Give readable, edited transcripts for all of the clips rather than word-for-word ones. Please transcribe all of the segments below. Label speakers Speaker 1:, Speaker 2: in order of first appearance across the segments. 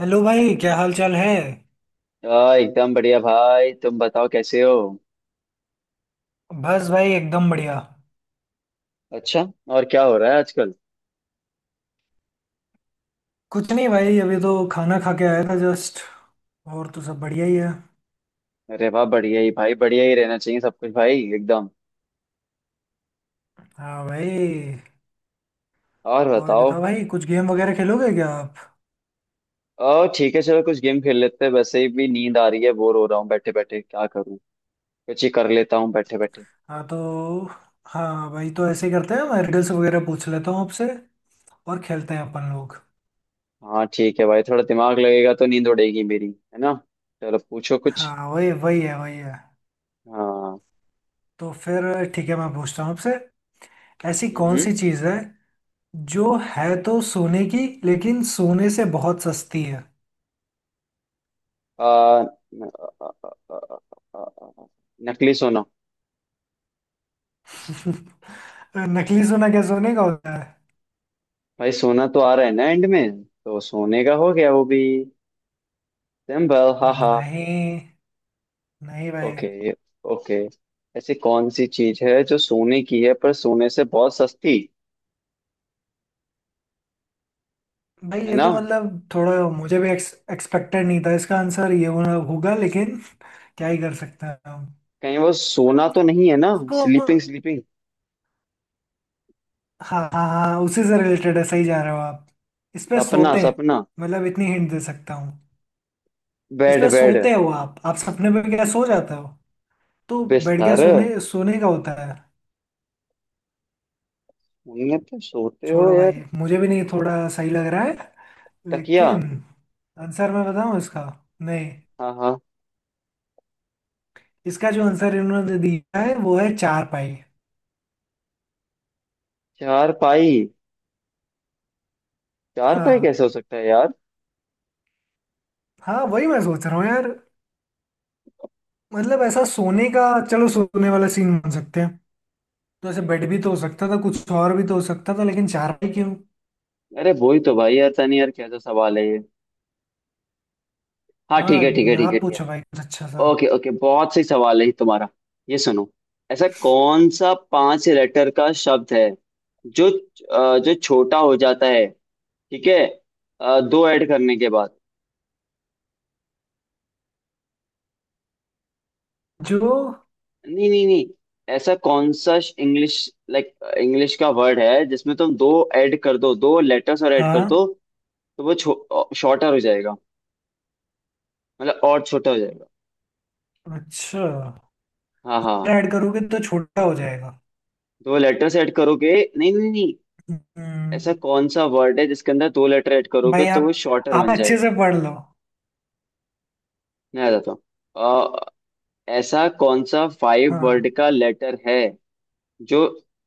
Speaker 1: Hello भाई, क्या हाल चाल है?
Speaker 2: एकदम बढ़िया भाई। तुम बताओ कैसे हो।
Speaker 1: बस भाई, एकदम बढ़िया।
Speaker 2: अच्छा। और क्या हो रहा है आजकल।
Speaker 1: कुछ नहीं भाई, अभी तो खाना खा के आया था जस्ट। और तो सब बढ़िया ही है।
Speaker 2: अरे वाह, बढ़िया ही भाई, बढ़िया ही रहना चाहिए सब कुछ भाई एकदम।
Speaker 1: हाँ भाई।
Speaker 2: और
Speaker 1: और
Speaker 2: बताओ।
Speaker 1: बताओ भाई, कुछ गेम वगैरह खेलोगे क्या आप?
Speaker 2: ओ ठीक है, चलो कुछ गेम खेल लेते हैं, वैसे ही भी नींद आ रही है, बोर हो रहा हूँ बैठे बैठे, क्या करूँ। कुछ ही कर लेता हूँ बैठे बैठे।
Speaker 1: हाँ तो। हाँ भाई, तो ऐसे करते हैं, मैं रिडल्स वगैरह पूछ लेता हूँ आपसे और खेलते हैं अपन लोग।
Speaker 2: हाँ ठीक है भाई, थोड़ा दिमाग लगेगा तो नींद उड़ेगी मेरी, है ना। चलो पूछो कुछ।
Speaker 1: हाँ, वही वही है वही है।
Speaker 2: हाँ।
Speaker 1: तो फिर ठीक है, मैं पूछता हूँ आपसे। ऐसी कौन
Speaker 2: हम्म।
Speaker 1: सी चीज़ है जो है तो सोने की, लेकिन सोने से बहुत सस्ती है?
Speaker 2: आ, न- आ, आ, आ, आ, आ, आ, नकली सोना।
Speaker 1: नकली सोना क्या सोने का होता है?
Speaker 2: भाई, सोना तो आ रहा है ना, एंड में तो सोने का हो गया वो भी। सिंबल। हाँ हाँ।
Speaker 1: नहीं। नहीं भाई।
Speaker 2: ओके। ओके। ऐसी कौन सी चीज है जो सोने की है पर सोने से बहुत सस्ती?
Speaker 1: भाई
Speaker 2: है
Speaker 1: ये
Speaker 2: ना।
Speaker 1: तो मतलब, थोड़ा मुझे भी एक्सपेक्टेड नहीं था इसका आंसर ये होना होगा, लेकिन क्या ही कर सकते हैं हम
Speaker 2: कहीं वो सोना तो नहीं है ना।
Speaker 1: इसको।
Speaker 2: Sleeping, sleeping.
Speaker 1: हाँ हाँ हाँ, उसी से रिलेटेड है, सही जा रहे हो आप। इस पे
Speaker 2: सपना,
Speaker 1: सोते हैं,
Speaker 2: सपना।
Speaker 1: मतलब इतनी हिंट दे सकता हूँ। इस पे
Speaker 2: बेड, बेड।
Speaker 1: सोते हो आप सपने में क्या सो जाते हो? तो बैठ गया,
Speaker 2: बिस्तर।
Speaker 1: सोने सोने का होता है।
Speaker 2: उनमें तो सोते हो
Speaker 1: छोड़ो
Speaker 2: यार।
Speaker 1: भाई, मुझे भी नहीं थोड़ा सही लग रहा है,
Speaker 2: तकिया।
Speaker 1: लेकिन आंसर मैं बताऊँ इसका? नहीं,
Speaker 2: हाँ हाँ।
Speaker 1: इसका जो आंसर इन्होंने दिया है वो है चार पाई।
Speaker 2: चार पाई। चार पाई
Speaker 1: हाँ।
Speaker 2: कैसे हो सकता है यार।
Speaker 1: हाँ, वही मैं सोच रहा हूँ यार। मतलब ऐसा सोने का, चलो सोने वाला सीन बन सकते हैं। तो ऐसे बेड भी तो हो सकता था, कुछ और भी तो हो सकता था, लेकिन चार पाई क्यों?
Speaker 2: अरे वही तो भाई यार, तनी यार, कैसा सवाल है ये। हाँ,
Speaker 1: हाँ।
Speaker 2: ठीक है ठीक है ठीक है
Speaker 1: आप
Speaker 2: ठीक है।
Speaker 1: पूछो भाई कुछ अच्छा सा।
Speaker 2: ओके ओके, बहुत सही सवाल है ये तुम्हारा। ये सुनो। ऐसा कौन सा पांच लेटर का शब्द है जो जो छोटा हो जाता है, ठीक है, दो ऐड करने के बाद।
Speaker 1: जो।
Speaker 2: नहीं नहीं नहीं। ऐसा कौन सा, इंग्लिश, लाइक, इंग्लिश का वर्ड है जिसमें तुम दो ऐड कर दो, दो लेटर्स और ऐड कर
Speaker 1: हाँ।
Speaker 2: दो, तो वो शॉर्टर हो जाएगा, मतलब और छोटा हो जाएगा।
Speaker 1: अच्छा,
Speaker 2: हाँ हाँ।
Speaker 1: ऐड करोगे तो छोटा हो जाएगा।
Speaker 2: दो लेटर्स ऐड करोगे। नहीं नहीं नहीं। ऐसा
Speaker 1: हम्म।
Speaker 2: कौन सा वर्ड है जिसके अंदर दो लेटर ऐड करोगे
Speaker 1: भाई
Speaker 2: तो
Speaker 1: आप
Speaker 2: वो शॉर्टर
Speaker 1: आप
Speaker 2: बन
Speaker 1: अच्छे
Speaker 2: जाएगा।
Speaker 1: से पढ़ लो।
Speaker 2: मैं बताता हूँ। ऐसा कौन सा फाइव वर्ड
Speaker 1: हाँ
Speaker 2: का लेटर है जो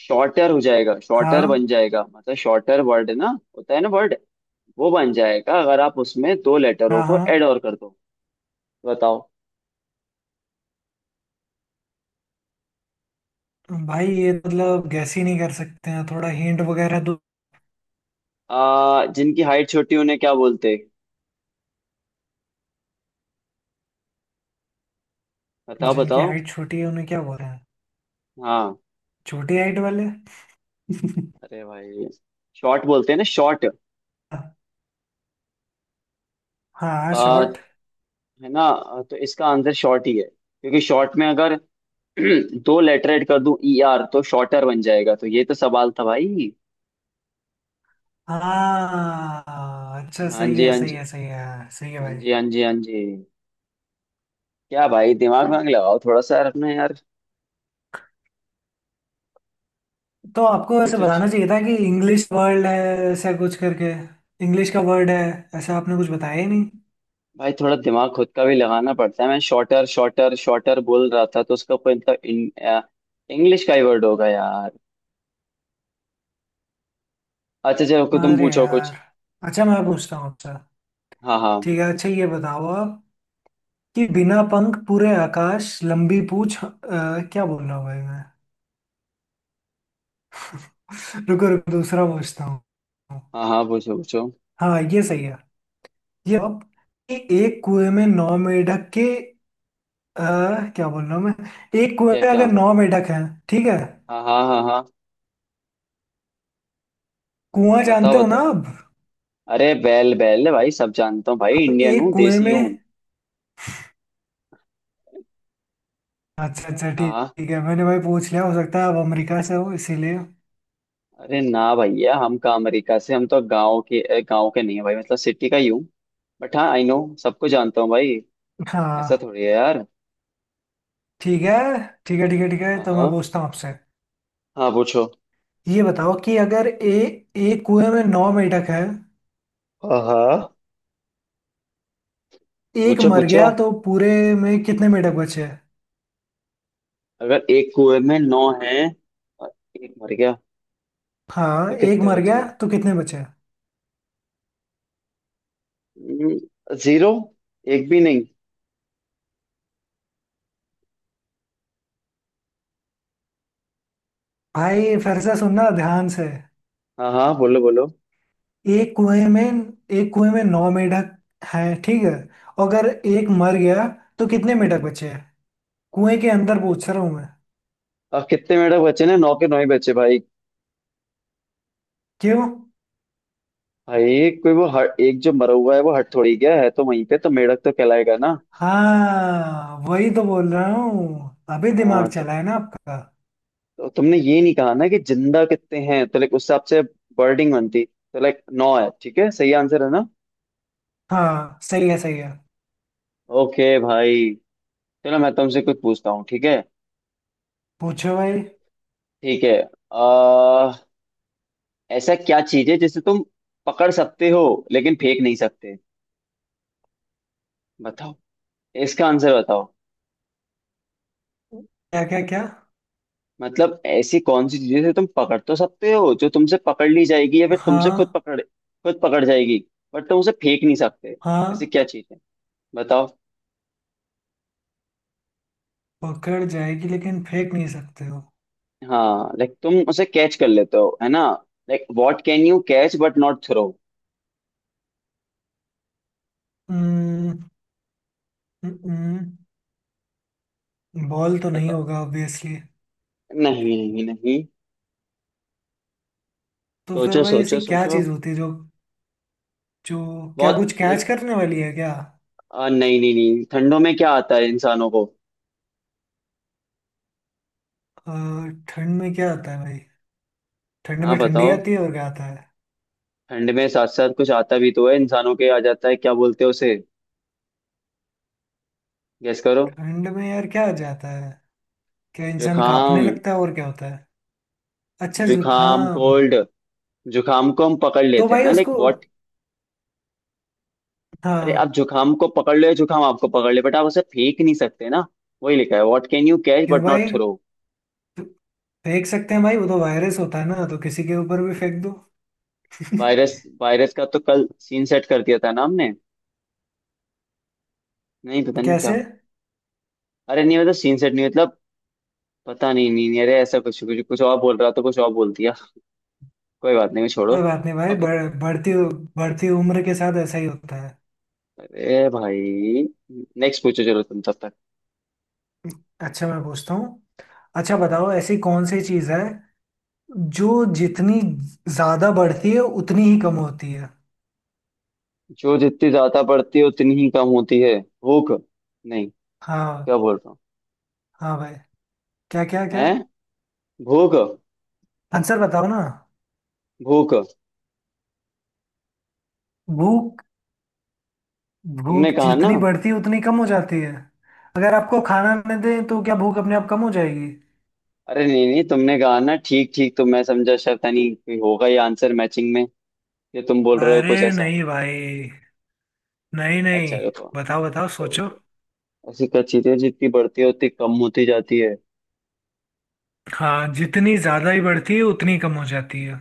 Speaker 2: शॉर्टर हो जाएगा, शॉर्टर बन
Speaker 1: हाँ
Speaker 2: जाएगा, मतलब शॉर्टर वर्ड ना, होता है ना वर्ड, वो बन जाएगा अगर आप उसमें दो लेटरों
Speaker 1: हाँ
Speaker 2: को ऐड
Speaker 1: हाँ।
Speaker 2: और कर दो। बताओ।
Speaker 1: भाई ये मतलब गैस ही नहीं कर सकते हैं, थोड़ा हिंट वगैरह दो।
Speaker 2: जिनकी हाइट छोटी उन्हें क्या बोलते हैं? बताओ
Speaker 1: जिनकी
Speaker 2: बताओ।
Speaker 1: हाइट छोटी है उन्हें क्या बोलते हैं?
Speaker 2: हाँ।
Speaker 1: छोटी हाइट वाले।
Speaker 2: अरे भाई, शॉर्ट बोलते हैं ना, शॉर्ट।
Speaker 1: हाँ,
Speaker 2: आ,
Speaker 1: शॉर्ट।
Speaker 2: है ना, तो इसका आंसर शॉर्ट ही है, क्योंकि शॉर्ट में अगर दो लेटर ऐड कर दूं, ई आर, तो शॉर्टर बन जाएगा। तो ये तो सवाल था भाई।
Speaker 1: हाँ, अच्छा,
Speaker 2: हाँ
Speaker 1: सही
Speaker 2: जी,
Speaker 1: है
Speaker 2: हाँ
Speaker 1: सही
Speaker 2: जी।
Speaker 1: है सही है, हाँ, सही है
Speaker 2: हाँ
Speaker 1: भाई।
Speaker 2: जी, हाँ जी, हाँ जी। क्या भाई, दिमाग वाग लगाओ थोड़ा सा यार, अपने यार।
Speaker 1: तो आपको ऐसे
Speaker 2: पूछ उछ।
Speaker 1: बताना चाहिए था कि इंग्लिश वर्ड है, ऐसा कुछ करके। इंग्लिश का वर्ड है, ऐसा आपने कुछ बताया ही नहीं।
Speaker 2: भाई, थोड़ा दिमाग खुद का भी लगाना पड़ता है, मैं शॉर्टर शॉर्टर शॉर्टर बोल रहा था, तो उसका कोई मतलब, इंग्लिश का ही वर्ड होगा यार। अच्छा चलो, कोई तुम
Speaker 1: अरे
Speaker 2: पूछो कुछ।
Speaker 1: यार। अच्छा, मैं पूछता हूँ आपसे।
Speaker 2: हाँ हाँ।
Speaker 1: ठीक है, अच्छा ये बताओ आप, कि बिना पंख पूरे आकाश लंबी पूछ क्या बोल रहा हूँ भाई मैं? रुको रुको, दूसरा पूछता हूँ।
Speaker 2: हाँ हाँ, पूछो पूछो।
Speaker 1: हाँ, ये सही है। ये अब, कि एक कुएं में नौ मेंढक के आ, क्या बोल रहा हूँ मैं? एक कुएं
Speaker 2: क्या
Speaker 1: में
Speaker 2: क्या।
Speaker 1: अगर नौ मेंढक हैं, ठीक है?
Speaker 2: हाँ हाँ हाँ हाँ।
Speaker 1: कुआं जानते
Speaker 2: बताओ
Speaker 1: हो ना
Speaker 2: बताओ।
Speaker 1: आप?
Speaker 2: अरे, बैल बैल भाई, सब जानता हूँ भाई,
Speaker 1: अब
Speaker 2: इंडियन
Speaker 1: एक
Speaker 2: हूँ,
Speaker 1: कुएं
Speaker 2: देसी हूँ।
Speaker 1: में, अच्छा अच्छा,
Speaker 2: हाँ
Speaker 1: ठीक
Speaker 2: हाँ।
Speaker 1: ठीक है, मैंने भाई पूछ लिया, हो सकता है आप अमेरिका से हो इसीलिए।
Speaker 2: अरे ना भैया, हम का अमेरिका से, हम तो गांव के, गांव के नहीं है भाई, मतलब सिटी का ही हूँ। बट हाँ, आई नो, सबको जानता हूँ भाई। ऐसा
Speaker 1: हाँ।
Speaker 2: थोड़ी है यार।
Speaker 1: ठीक है ठीक है ठीक है ठीक है,
Speaker 2: हाँ
Speaker 1: तो मैं
Speaker 2: हाँ।
Speaker 1: पूछता हूँ आपसे।
Speaker 2: हाँ पूछो।
Speaker 1: ये बताओ कि अगर ए, एक कुएं में नौ मेंढक हैं,
Speaker 2: हाँ हाँ।
Speaker 1: एक
Speaker 2: पूछो
Speaker 1: मर
Speaker 2: पूछो।
Speaker 1: गया तो पूरे में कितने मेंढक बचे हैं?
Speaker 2: अगर एक कुएं में नौ हैं और एक मर गया
Speaker 1: हाँ,
Speaker 2: तो
Speaker 1: एक
Speaker 2: कितने
Speaker 1: मर गया
Speaker 2: बचे?
Speaker 1: तो कितने बचे हैं?
Speaker 2: जीरो। एक भी नहीं।
Speaker 1: भाई फिर से सुनना ध्यान से।
Speaker 2: हाँ हाँ, बोलो बोलो।
Speaker 1: एक कुएं में, एक कुएं में नौ मेंढक हैं, ठीक है? और अगर एक मर गया, तो कितने मेंढक बचे हैं? कुएं के अंदर पूछ रहा हूं मैं।
Speaker 2: अब कितने मेंढक बचे ना, नौ के नौ ही बचे भाई।
Speaker 1: क्यों?
Speaker 2: भाई, कोई वो, हट, एक जो मरा हुआ है वो हट थोड़ी गया है, तो वहीं पे तो मेंढक तो कहलाएगा ना।
Speaker 1: हाँ, वही तो बोल रहा हूँ, अभी दिमाग
Speaker 2: हाँ तो
Speaker 1: चला है ना आपका।
Speaker 2: तो तुमने ये नहीं कहा ना कि जिंदा कितने हैं, तो लाइक उस हिसाब से वर्डिंग बनती, तो लाइक नौ है, ठीक है, सही आंसर है ना।
Speaker 1: हाँ, सही है सही है।
Speaker 2: ओके भाई। चलो मैं तुमसे कुछ पूछता हूँ, ठीक है।
Speaker 1: पूछो भाई
Speaker 2: ठीक है। आ, ऐसा क्या चीज है जिसे तुम पकड़ सकते हो लेकिन फेंक नहीं सकते। बताओ। इसका आंसर बताओ।
Speaker 1: क्या क्या क्या?
Speaker 2: मतलब, ऐसी कौन सी चीज है जिसे तुम पकड़ तो सकते हो, जो तुमसे पकड़ ली जाएगी, या फिर तुमसे खुद
Speaker 1: हाँ
Speaker 2: पकड़, खुद पकड़ जाएगी, बट तुम उसे फेंक नहीं सकते। ऐसी
Speaker 1: हाँ।
Speaker 2: क्या चीज है, बताओ।
Speaker 1: पकड़ जाएगी लेकिन फेंक नहीं सकते हो?
Speaker 2: हाँ, लाइक तुम उसे कैच कर लेते हो, है ना। Like, what can you catch but not throw.
Speaker 1: हम्म। हम्म। हम्म। बॉल तो नहीं
Speaker 2: बताओ।
Speaker 1: होगा ऑब्वियसली?
Speaker 2: नहीं नहीं नहीं।
Speaker 1: तो फिर
Speaker 2: सोचो
Speaker 1: भाई ऐसी
Speaker 2: सोचो
Speaker 1: क्या
Speaker 2: सोचो।
Speaker 1: चीज होती है जो, जो, क्या
Speaker 2: बहुत
Speaker 1: कुछ कैच
Speaker 2: लाइक।
Speaker 1: करने वाली है क्या?
Speaker 2: नहीं नहीं नहीं, ठंडों में क्या आता है इंसानों को।
Speaker 1: अ, ठंड में क्या आता है भाई? ठंड
Speaker 2: हाँ
Speaker 1: में ठंडी
Speaker 2: बताओ।
Speaker 1: आती है और क्या आता है?
Speaker 2: ठंड में साथ साथ कुछ आता भी तो है, इंसानों के आ जाता है, क्या बोलते हैं उसे, गेस करो।
Speaker 1: ठंड में यार क्या आ जाता है? क्या इंसान कांपने
Speaker 2: जुखाम।
Speaker 1: लगता है और क्या होता है? अच्छा,
Speaker 2: जुखाम,
Speaker 1: जुकाम।
Speaker 2: कोल्ड। जुखाम को हम पकड़
Speaker 1: तो
Speaker 2: लेते हैं
Speaker 1: भाई
Speaker 2: ना,
Speaker 1: उसको,
Speaker 2: लाइक व्हाट। अरे, आप
Speaker 1: हाँ,
Speaker 2: जुखाम को पकड़ लो या जुखाम आपको पकड़ ले, बट आप उसे फेंक नहीं सकते ना। वही लिखा है, व्हाट कैन यू कैच
Speaker 1: क्यों
Speaker 2: बट नॉट
Speaker 1: भाई?
Speaker 2: थ्रो।
Speaker 1: तो फेंक सकते हैं भाई, वो तो वायरस होता है ना, तो किसी के ऊपर भी फेंक दो।
Speaker 2: वायरस, वायरस का तो कल सीन सेट कर दिया था ना हमने। नहीं पता, नहीं क्या।
Speaker 1: कैसे?
Speaker 2: अरे नहीं, मतलब सीन सेट नहीं, मतलब पता नहीं। नहीं नहीं, अरे ऐसा कुछ, कुछ और बोल रहा, तो कुछ और बोल दिया। कोई बात नहीं, मैं, छोड़ो।
Speaker 1: कोई बात नहीं भाई,
Speaker 2: ओके।
Speaker 1: बढ़ती बढ़ती उम्र के साथ ऐसा ही होता है।
Speaker 2: अरे भाई, नेक्स्ट पूछो चलो तुम तब तक।
Speaker 1: अच्छा, मैं पूछता हूँ। अच्छा बताओ, ऐसी कौन सी चीज है जो जितनी ज्यादा बढ़ती है उतनी ही कम होती है?
Speaker 2: जो जितनी ज्यादा बढ़ती है उतनी ही कम होती है। भूख। नहीं,
Speaker 1: हाँ।
Speaker 2: क्या बोल रहा हूँ,
Speaker 1: हाँ भाई। क्या क्या क्या?
Speaker 2: है, भूख,
Speaker 1: आंसर बताओ ना।
Speaker 2: भूख।
Speaker 1: भूख?
Speaker 2: तुमने
Speaker 1: भूख
Speaker 2: कहा ना।
Speaker 1: जितनी बढ़ती है उतनी कम हो जाती है? अगर आपको खाना न दें तो क्या भूख अपने आप कम हो जाएगी?
Speaker 2: अरे नहीं नहीं, तुमने कहा ना ठीक ठीक, तो मैं समझा शायद, नहीं कोई होगा ये आंसर मैचिंग में, ये तुम बोल रहे हो
Speaker 1: अरे
Speaker 2: कुछ ऐसा।
Speaker 1: नहीं भाई, नहीं
Speaker 2: अच्छा
Speaker 1: नहीं।
Speaker 2: रुको।
Speaker 1: बताओ बताओ सोचो।
Speaker 2: ऐसी क्या चीज़ है जितनी बढ़ती है उतनी कम होती जाती है?
Speaker 1: हाँ, जितनी ज्यादा ही बढ़ती है उतनी कम हो जाती है।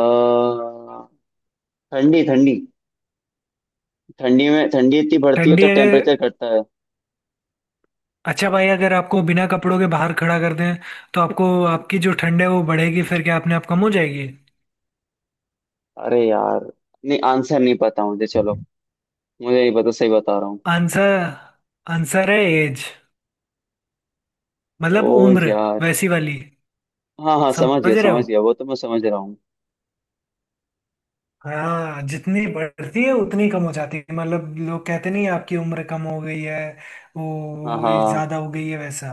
Speaker 2: अह, ठंडी, ठंडी। ठंडी में ठंडी इतनी बढ़ती है
Speaker 1: ठंडी
Speaker 2: तो
Speaker 1: अगर,
Speaker 2: टेम्परेचर घटता है।
Speaker 1: अच्छा भाई, अगर आपको बिना कपड़ों के बाहर खड़ा कर दें, तो आपको आपकी जो ठंड है वो बढ़ेगी, फिर क्या अपने आप कम हो जाएगी?
Speaker 2: अरे यार, नहीं आंसर नहीं पता मुझे, चलो मुझे नहीं पता, सही बता रहा हूँ।
Speaker 1: आंसर, आंसर है एज,
Speaker 2: ओ
Speaker 1: मतलब उम्र,
Speaker 2: यार,
Speaker 1: वैसी वाली।
Speaker 2: हाँ हाँ, समझ गया
Speaker 1: समझ रहे हो?
Speaker 2: समझ गया, वो तो मैं समझ रहा हूँ।
Speaker 1: हाँ, जितनी बढ़ती है उतनी कम हो जाती है, मतलब लोग कहते नहीं आपकी उम्र कम हो गई है,
Speaker 2: हाँ
Speaker 1: वो
Speaker 2: हाँ,
Speaker 1: ज्यादा हो गई है, वैसा।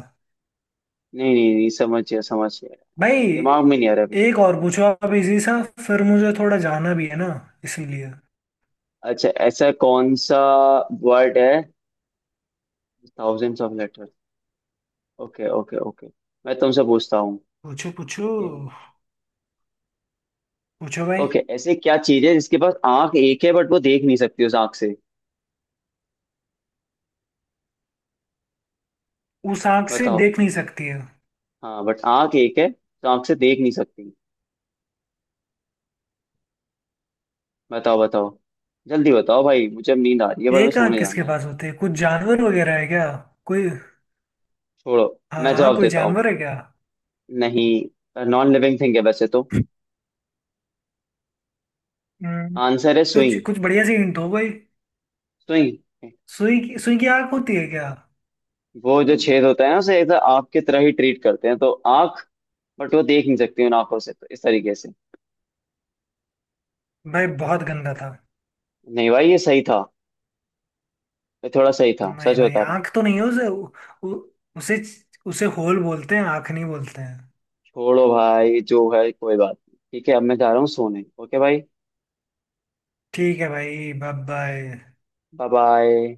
Speaker 2: नहीं नहीं नहीं, समझ गया समझ गया।
Speaker 1: भाई
Speaker 2: दिमाग में नहीं आ रहा अभी।
Speaker 1: एक और पूछो आप इजी सा, फिर मुझे थोड़ा जाना भी है ना, इसीलिए।
Speaker 2: अच्छा, ऐसा कौन सा वर्ड है, thousands of letter. Okay okay okay, मैं तुमसे पूछता हूँ।
Speaker 1: पूछो पूछो।
Speaker 2: ओके।
Speaker 1: पूछो भाई।
Speaker 2: ओके, ऐसे क्या चीज है जिसके पास आंख एक है बट वो देख नहीं सकती उस आंख से।
Speaker 1: उस आंख से
Speaker 2: बताओ।
Speaker 1: देख नहीं सकती है?
Speaker 2: हाँ, बट आंख एक है तो आंख से देख नहीं सकती। बताओ बताओ, जल्दी बताओ भाई, मुझे अब नींद आ रही है भाई, मैं
Speaker 1: एक आंख
Speaker 2: सोने जाना
Speaker 1: किसके
Speaker 2: है।
Speaker 1: पास होती है, कुछ जानवर वगैरह है क्या? कोई,
Speaker 2: छोड़ो,
Speaker 1: हाँ
Speaker 2: मैं
Speaker 1: हाँ,
Speaker 2: जवाब
Speaker 1: कोई
Speaker 2: देता हूँ।
Speaker 1: जानवर है क्या?
Speaker 2: नहीं, नॉन लिविंग थिंग है वैसे तो।
Speaker 1: हम्म।
Speaker 2: आंसर है
Speaker 1: कुछ
Speaker 2: सुई।
Speaker 1: कुछ बढ़िया सी हिंट दो भाई।
Speaker 2: सुई।
Speaker 1: सुई की आंख होती है क्या?
Speaker 2: वो जो छेद होता है ना उसे एक आंख की तरह ही ट्रीट करते हैं, तो आंख, बट वो देख नहीं सकती उन आंखों से, तो इस तरीके से।
Speaker 1: भाई बहुत गंदा था।
Speaker 2: नहीं भाई, ये सही था, ये थोड़ा सही था,
Speaker 1: नहीं
Speaker 2: सच
Speaker 1: भाई,
Speaker 2: बता रहा हूँ।
Speaker 1: आंख तो नहीं है उसे, उ, उ, उसे उसे होल बोलते हैं, आंख नहीं बोलते हैं।
Speaker 2: छोड़ो भाई, जो है कोई बात नहीं, ठीक है, अब मैं जा रहा हूँ सोने, ओके भाई।
Speaker 1: ठीक है भाई, बाय बाय।
Speaker 2: Bye bye.